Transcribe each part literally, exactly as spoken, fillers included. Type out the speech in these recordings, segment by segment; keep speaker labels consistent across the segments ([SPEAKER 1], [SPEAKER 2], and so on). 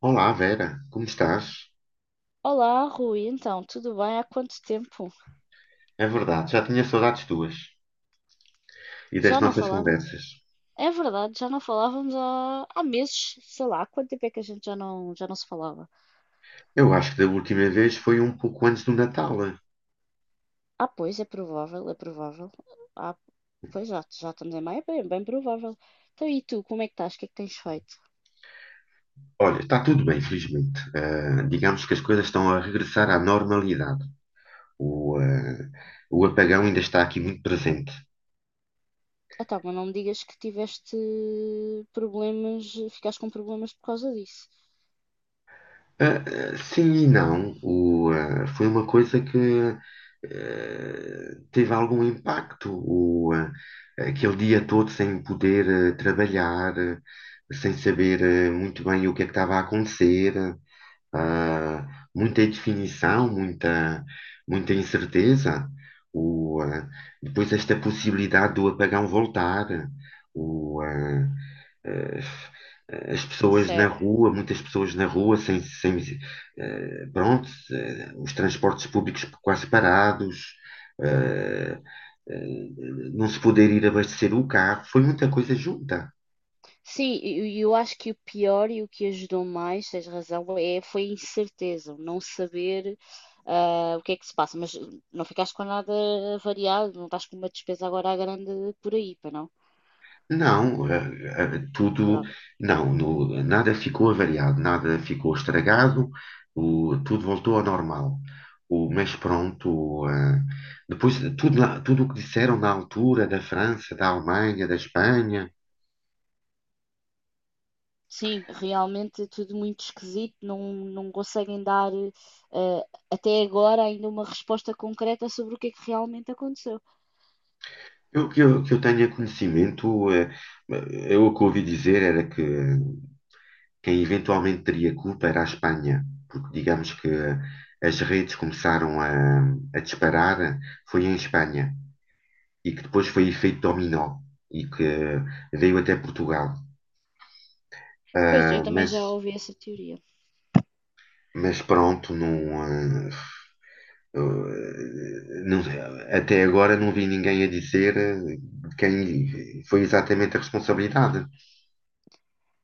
[SPEAKER 1] Olá, Vera, como estás?
[SPEAKER 2] Olá, Rui, então, tudo bem? Há quanto tempo?
[SPEAKER 1] É verdade, já tinha saudades tuas e das
[SPEAKER 2] Já não
[SPEAKER 1] nossas
[SPEAKER 2] falávamos?
[SPEAKER 1] conversas.
[SPEAKER 2] É verdade, já não falávamos há, há meses, sei lá, há quanto tempo é que a gente já não, já não se falava?
[SPEAKER 1] Eu acho que da última vez foi um pouco antes do Natal.
[SPEAKER 2] Ah, pois, é provável, é provável. Ah, Pois já, já estamos em maio, é bem, bem provável. Então, e tu, como é que estás? O que é que tens feito?
[SPEAKER 1] Olha, está tudo bem, felizmente. Ah, digamos que as coisas estão a regressar à normalidade. O, ah, o apagão ainda está aqui muito presente.
[SPEAKER 2] Ah, tá, mas não me digas que tiveste problemas, ficaste com problemas por causa disso.
[SPEAKER 1] Ah, ah, sim e não. O, ah, foi uma coisa que eh, teve algum impacto o, eh, aquele dia todo sem poder eh, trabalhar, eh, sem saber eh, muito bem o que é que estava a acontecer, ah, muita indefinição, muita, muita incerteza. O, ah, Depois esta possibilidade do apagão voltar, o, ah, eh, as pessoas na rua, muitas pessoas na rua, sem, sem, eh, pronto, eh, os transportes públicos quase parados, eh, eh, não se poder ir abastecer o carro, foi muita coisa junta.
[SPEAKER 2] Sim, e eu acho que o pior e o que ajudou mais, tens razão, é, foi a incerteza, o não saber ah, o que é que se passa, mas não ficaste com nada variado, não estás com uma despesa agora à grande por aí, para não?
[SPEAKER 1] Não, eh, eh, tudo,
[SPEAKER 2] Pronto.
[SPEAKER 1] não, no- nada ficou avariado, nada ficou estragado, o- tudo voltou ao normal. O, mas pronto, eh, depois tudo, na- tudo o que disseram na altura da França, da Alemanha, da Espanha.
[SPEAKER 2] Sim, realmente é tudo muito esquisito, não, não conseguem dar ah, até agora ainda uma resposta concreta sobre o que é que realmente aconteceu.
[SPEAKER 1] Eu que, eu que eu tenha conhecimento, eh, eu o que ouvi dizer era que quem eventualmente teria culpa era a Espanha, porque digamos que as redes começaram a, a disparar, foi em Espanha, e que depois foi efeito dominó, e que veio até Portugal.
[SPEAKER 2] Pois, eu
[SPEAKER 1] Ah,
[SPEAKER 2] também já
[SPEAKER 1] mas,
[SPEAKER 2] ouvi essa teoria.
[SPEAKER 1] mas pronto, não. ah, eh, não- Até agora não vi ninguém a dizer eh, de quem foi exatamente a responsabilidade.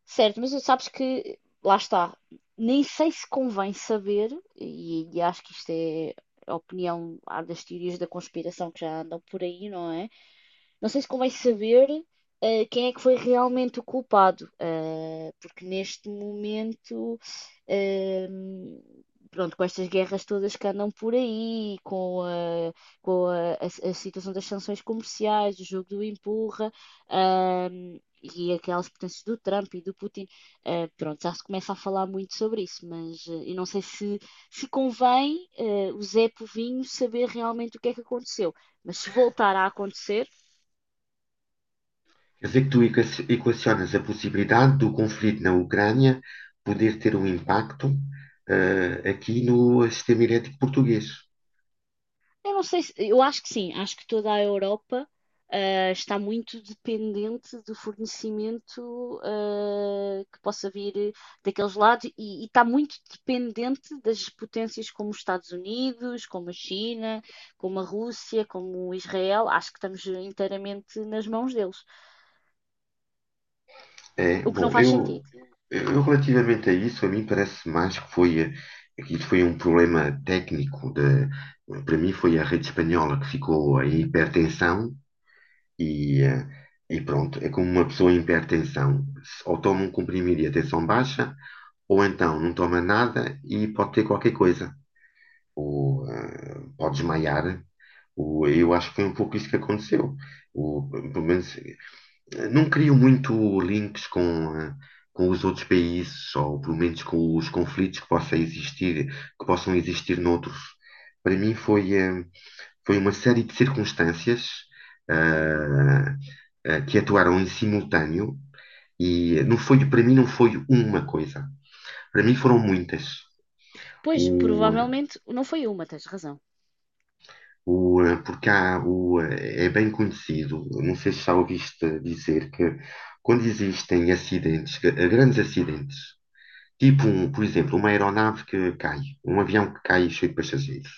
[SPEAKER 2] Certo, mas sabes que, lá está, nem sei se convém saber, e, e acho que isto é a opinião há das teorias da conspiração que já andam por aí, não é? Não sei se convém saber eh, quem é que foi realmente o culpado, eh, porque neste momento, eh, pronto, com estas guerras todas que andam por aí, com a, com a, a- a situação das sanções comerciais, o jogo do empurra, ahm, e aquelas potências do Trump e do Putin, eh, pronto, já se começa a falar muito sobre isso, mas eh, eu não sei se, se convém eh, o Zé Povinho saber realmente o que é que aconteceu, mas se voltar a acontecer.
[SPEAKER 1] Quer dizer que tu equa- equacionas a possibilidade do conflito na Ucrânia poder ter um impacto eh, aqui no sistema elétrico português.
[SPEAKER 2] Eu não sei se, eu acho que sim, acho que toda a Europa ah, está muito dependente do fornecimento ah, que possa vir daqueles lados e, e está muito dependente das potências como os Estados Unidos, como a China, como a Rússia, como Israel. Acho que estamos inteiramente nas mãos deles,
[SPEAKER 1] É,
[SPEAKER 2] o que não
[SPEAKER 1] bom,
[SPEAKER 2] faz
[SPEAKER 1] eu,
[SPEAKER 2] sentido.
[SPEAKER 1] eu relativamente a isso, a mim parece mais que foi, eh, que isso foi um problema técnico. De, para mim foi a rede espanhola que ficou em hipertensão e, eh, e pronto, é como uma pessoa em hipertensão. Se- Ou toma um comprimido e a tensão baixa, ou então não toma nada e pode ter qualquer coisa. ou ah, pode desmaiar. O, eu acho que foi um pouco isso que aconteceu. O, pelo menos, eh, não crio muito links com, ah, com os outros países, ou pelo menos com os conflitos que possa existir, que possam existir noutros. Para mim foi, eh, foi uma série de circunstâncias
[SPEAKER 2] Uhum.
[SPEAKER 1] ah, ah, que atuaram em simultâneo e não foi, para mim não foi uma coisa. Para mim foram muitas.
[SPEAKER 2] Pois, provavelmente não foi uma, tens razão.
[SPEAKER 1] O, eh, porque há, o, eh, é bem conhecido, não sei se já ouviste dizer que quando existem acidentes, que- eh, grandes acidentes, tipo, um, por exemplo, uma aeronave que cai, um avião que cai cheio de passageiros,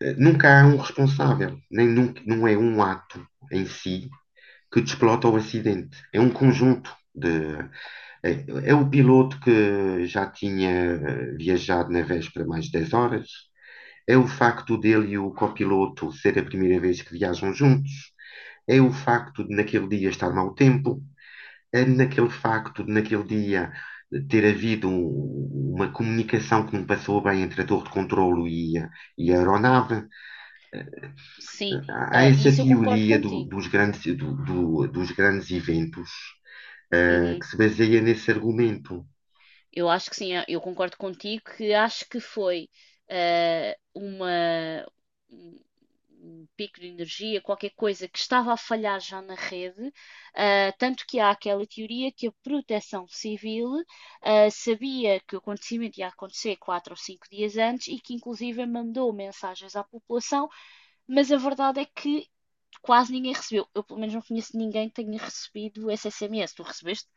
[SPEAKER 1] eh, nunca há um responsável, nem nunca, não é um ato em si que desplota o acidente, é um conjunto. De, é, é o piloto que já tinha eh, viajado na véspera mais de dez horas, é o facto dele e o copiloto ser a primeira vez que viajam juntos. É o facto de naquele dia estar mau tempo. É naquele facto de naquele dia ter havido um- uma comunicação que não passou bem entre a torre de controlo e a, e a aeronave.
[SPEAKER 2] Sim,
[SPEAKER 1] Há
[SPEAKER 2] ah,
[SPEAKER 1] essa
[SPEAKER 2] isso eu concordo
[SPEAKER 1] teoria do- dos
[SPEAKER 2] contigo.
[SPEAKER 1] grandes, do- do- dos grandes eventos, eh, que
[SPEAKER 2] Uhum.
[SPEAKER 1] se baseia nesse argumento.
[SPEAKER 2] Eu acho que sim, eu eu concordo contigo que acho que foi ah, uma, um um pico de energia, qualquer coisa que estava a falhar já na rede, ah, tanto que há aquela teoria que a proteção civil ah, sabia que o acontecimento ia acontecer quatro ou cinco dias antes e que inclusive mandou mensagens à população, mas a verdade é que quase ninguém recebeu. Eu pelo menos não conheço ninguém que tenha recebido esse S M S. Tu recebeste?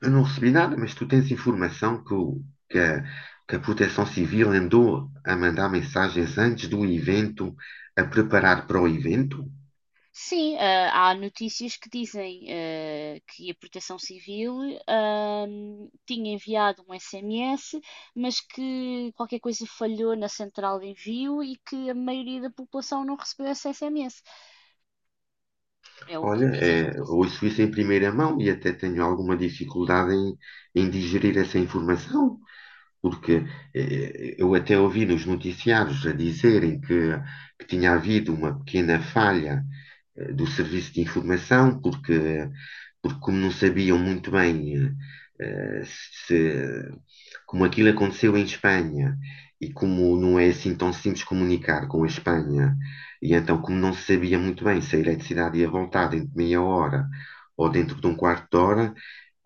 [SPEAKER 1] Eu não recebi nada, mas tu tens informação que, o- que a, que a Proteção Civil andou a mandar mensagens antes do evento, a preparar para o evento?
[SPEAKER 2] Sim, ah, há notícias que dizem ah, que a Proteção Civil ah, tinha enviado um S M S, mas que qualquer coisa falhou na central de envio e que a maioria da população não recebeu esse S M S. É o
[SPEAKER 1] Olha,
[SPEAKER 2] que dizem as
[SPEAKER 1] é,
[SPEAKER 2] notícias.
[SPEAKER 1] ouço isso em primeira mão e até tenho alguma dificuldade em, em digerir essa informação, porque eh, eu até ouvi nos noticiários a dizerem que, que tinha havido uma pequena falha eh, do serviço de informação, porque, porque como não sabiam muito bem eh, se, como aquilo aconteceu em Espanha e como não é assim tão simples comunicar com a Espanha, e então como não se sabia muito bem se a eletricidade ia voltar dentro de meia hora ou dentro de um quarto de hora,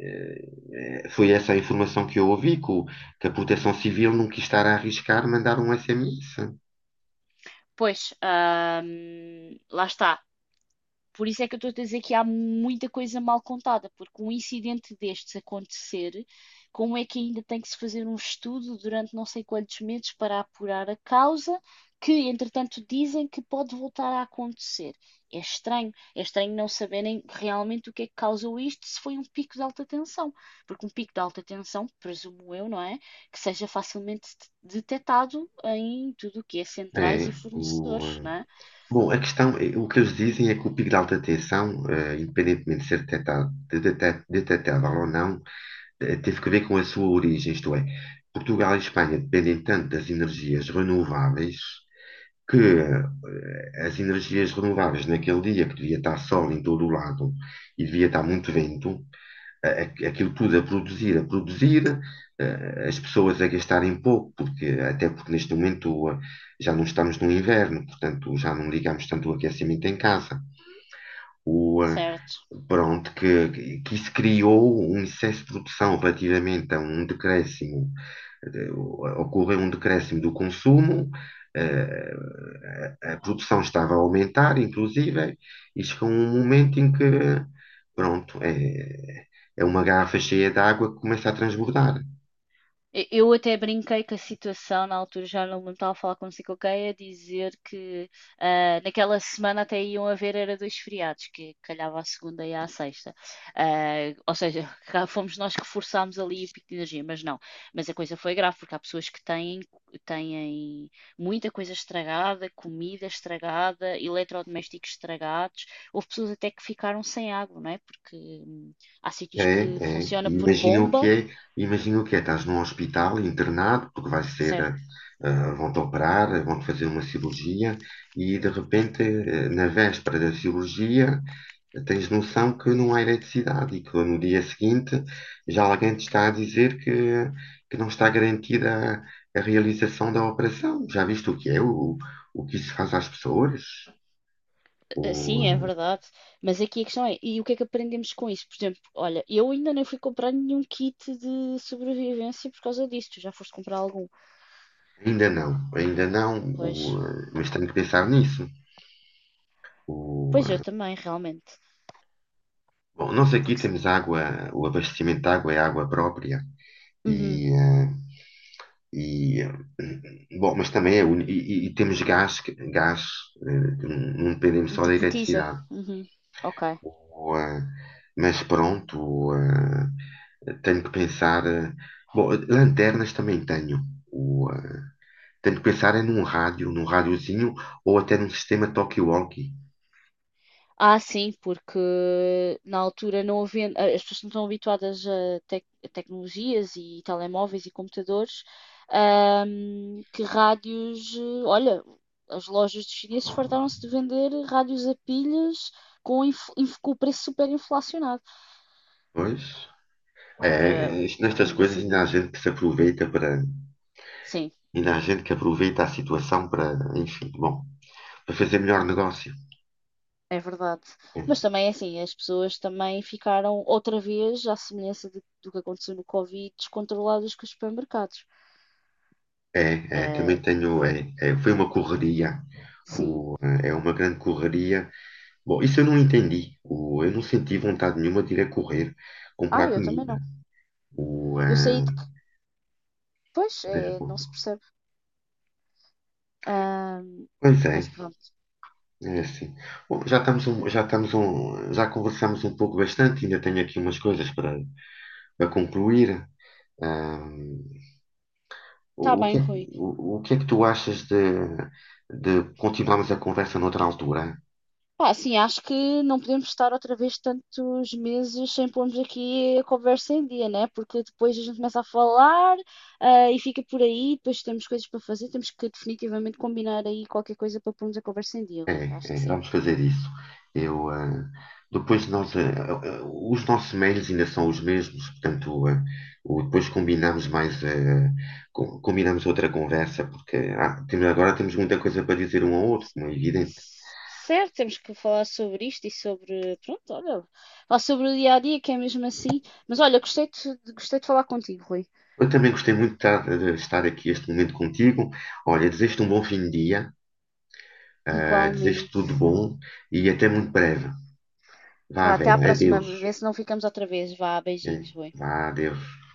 [SPEAKER 1] eh, foi essa a informação que eu ouvi, que, o- que a Proteção Civil não quis estar a arriscar mandar um S M S.
[SPEAKER 2] Pois, ah, lá está. Por isso é que eu estou a dizer que há muita coisa mal contada, porque um incidente destes acontecer, como é que ainda tem que se fazer um estudo durante não sei quantos meses para apurar a causa, que entretanto dizem que pode voltar a acontecer? É estranho, é estranho não saberem realmente o que é que causou isto, se foi um pico de alta tensão, porque um pico de alta tensão, presumo eu, não é? Que seja facilmente detectado em tudo o que é centrais
[SPEAKER 1] É,
[SPEAKER 2] e
[SPEAKER 1] o,
[SPEAKER 2] fornecedores,
[SPEAKER 1] eh,
[SPEAKER 2] não é?
[SPEAKER 1] Bom, a questão, eh, o que eles dizem é que o pico de alta tensão, eh, independentemente de ser detectado, de detec- detectável ou não, eh, teve que ver com a sua origem, isto é, Portugal e Espanha dependem tanto das energias renováveis que eh, as energias renováveis naquele dia que devia estar sol em todo o lado e devia estar muito vento, a- a- aquilo tudo a produzir, a produzir, eh, as pessoas a gastarem pouco, porque até porque neste momento eh, já não estamos no inverno, portanto já não ligamos tanto o aquecimento em casa. O, eh,
[SPEAKER 2] Certo.
[SPEAKER 1] Pronto, que, que que isso criou um excesso de produção relativamente a um decréscimo, eh, ocorreu um decréscimo do consumo, eh, a, a produção estava a aumentar, inclusive, e chegou um momento em que, pronto, é, é uma garrafa cheia de água que começa a transbordar.
[SPEAKER 2] E- Eu até brinquei com a situação na altura, já não me estava a falar consigo, ok, a dizer que ah, naquela semana até iam haver era dois feriados, que calhava à segunda e à sexta. Ah, ou seja, cá fomos nós que forçámos ali o pico de energia, mas não. Mas a coisa foi grave, porque há pessoas que têm, têm muita coisa estragada, comida estragada, eletrodomésticos estragados. Houve pessoas até que ficaram sem água, não é? Porque hum, há sítios que
[SPEAKER 1] É, É.
[SPEAKER 2] funciona por
[SPEAKER 1] Imagina o que
[SPEAKER 2] bomba.
[SPEAKER 1] é, imagina o que é, estás num hospital internado, porque vais ser,
[SPEAKER 2] Certo.
[SPEAKER 1] ah, vão-te operar, vão-te fazer uma cirurgia e de repente, eh, na véspera da cirurgia, tens noção que não há eletricidade e que no dia seguinte já alguém te está a dizer que, que não está garantida a, a realização da operação. Já viste o que é, o, o que isso faz às pessoas?
[SPEAKER 2] Ah, sim, é
[SPEAKER 1] O-
[SPEAKER 2] verdade. Mas aqui a questão é, e o que é que aprendemos com isso? Por exemplo, olha, eu ainda nem fui comprar nenhum kit de sobrevivência por causa disso. Tu já foste comprar algum?
[SPEAKER 1] Ainda não, ainda não,
[SPEAKER 2] Pois,
[SPEAKER 1] o, eh, mas tenho que pensar nisso. O,
[SPEAKER 2] pois eu também, realmente.
[SPEAKER 1] Bom, nós aqui
[SPEAKER 2] Porque,
[SPEAKER 1] temos água, o abastecimento de água é água própria
[SPEAKER 2] uhum,
[SPEAKER 1] e, eh, e, eh, bom, mas também é uni- e, e- e temos gás, que- gás, eh, que não não dependemos só
[SPEAKER 2] de
[SPEAKER 1] da
[SPEAKER 2] botija.
[SPEAKER 1] eletricidade.
[SPEAKER 2] Uhum. Ok.
[SPEAKER 1] O, eh, mas pronto, o, eh, tenho que pensar. Eh, bom, lanternas também tenho. O, eh, Tenho que pensar é num rádio, num rádiozinho ou até num sistema talkie-walkie.
[SPEAKER 2] Ah, sim, porque na altura não havendo, as pessoas não estão habituadas a, tec- a tecnologias e telemóveis e computadores, ahm, que rádios, eh, olha, as lojas dos chineses fartaram-se de vender rádios a pilhas com, inf- inf- com o preço super inflacionado,
[SPEAKER 1] Pois, é,
[SPEAKER 2] porque
[SPEAKER 1] é, isto- nestas
[SPEAKER 2] ninguém
[SPEAKER 1] coisas ainda
[SPEAKER 2] sabia.
[SPEAKER 1] há gente que se aproveita para.
[SPEAKER 2] Sim,
[SPEAKER 1] E na gente que aproveita a situação para, enfim, bom, para fazer melhor negócio.
[SPEAKER 2] é verdade. Mas também é assim, as pessoas também ficaram outra vez, à semelhança de- do que aconteceu no Covid, descontroladas com os supermercados.
[SPEAKER 1] É, é
[SPEAKER 2] Eh,
[SPEAKER 1] também tenho, é, é, foi uma correria,
[SPEAKER 2] sim.
[SPEAKER 1] o- é uma grande correria. Bom, isso eu não entendi. O, eu não senti vontade nenhuma de ir a correr
[SPEAKER 2] Ah,
[SPEAKER 1] comprar
[SPEAKER 2] eu também
[SPEAKER 1] comida.
[SPEAKER 2] não.
[SPEAKER 1] O,
[SPEAKER 2] Eu saí
[SPEAKER 1] ah,
[SPEAKER 2] depois
[SPEAKER 1] mas,
[SPEAKER 2] é,
[SPEAKER 1] bom,
[SPEAKER 2] não se percebe. Ahm,
[SPEAKER 1] pois é,
[SPEAKER 2] mas pronto.
[SPEAKER 1] é assim. Bom, já estamos um, já estamos um, já conversamos um pouco bastante, ainda tenho aqui umas coisas para, para concluir. Ah,
[SPEAKER 2] Está
[SPEAKER 1] O, o que
[SPEAKER 2] bem,
[SPEAKER 1] é, que-
[SPEAKER 2] Rui.
[SPEAKER 1] o, o que é que tu achas de, de continuarmos a conversa noutra altura?
[SPEAKER 2] Pá, sim, acho que não podemos estar outra vez tantos meses sem pormos aqui a conversa em dia, né? Porque depois a gente começa a falar, ah, e fica por aí, depois temos coisas para fazer, temos que definitivamente combinar aí qualquer coisa para pormos a conversa em dia, Rui. Acho que
[SPEAKER 1] É, é,
[SPEAKER 2] sim.
[SPEAKER 1] vamos fazer isso. Eu, ah, depois nós, ah, ah, ah, Os nossos mails ainda são os mesmos, portanto, ah, o- depois combinamos mais, ah, com- combinamos outra conversa, porque ah, temos- agora temos muita coisa para dizer um ao outro, como é evidente.
[SPEAKER 2] Certo, temos que falar sobre isto e sobre, pronto, olha, falar sobre o dia a dia, que é mesmo assim. Mas olha, gostei de, gostei de falar contigo, Rui.
[SPEAKER 1] Eu também gostei muito de estar, de estar aqui este momento contigo. Olha, desejo-te um bom fim de dia, ah, desejo-te tudo de
[SPEAKER 2] Igualmente.
[SPEAKER 1] bom e até muito breve. Vá,
[SPEAKER 2] Vá, até à
[SPEAKER 1] velho,
[SPEAKER 2] próxima
[SPEAKER 1] adeus.
[SPEAKER 2] vez, se não ficamos outra vez. Vá,
[SPEAKER 1] Né?
[SPEAKER 2] beijinhos, boi.
[SPEAKER 1] Vá, adeus.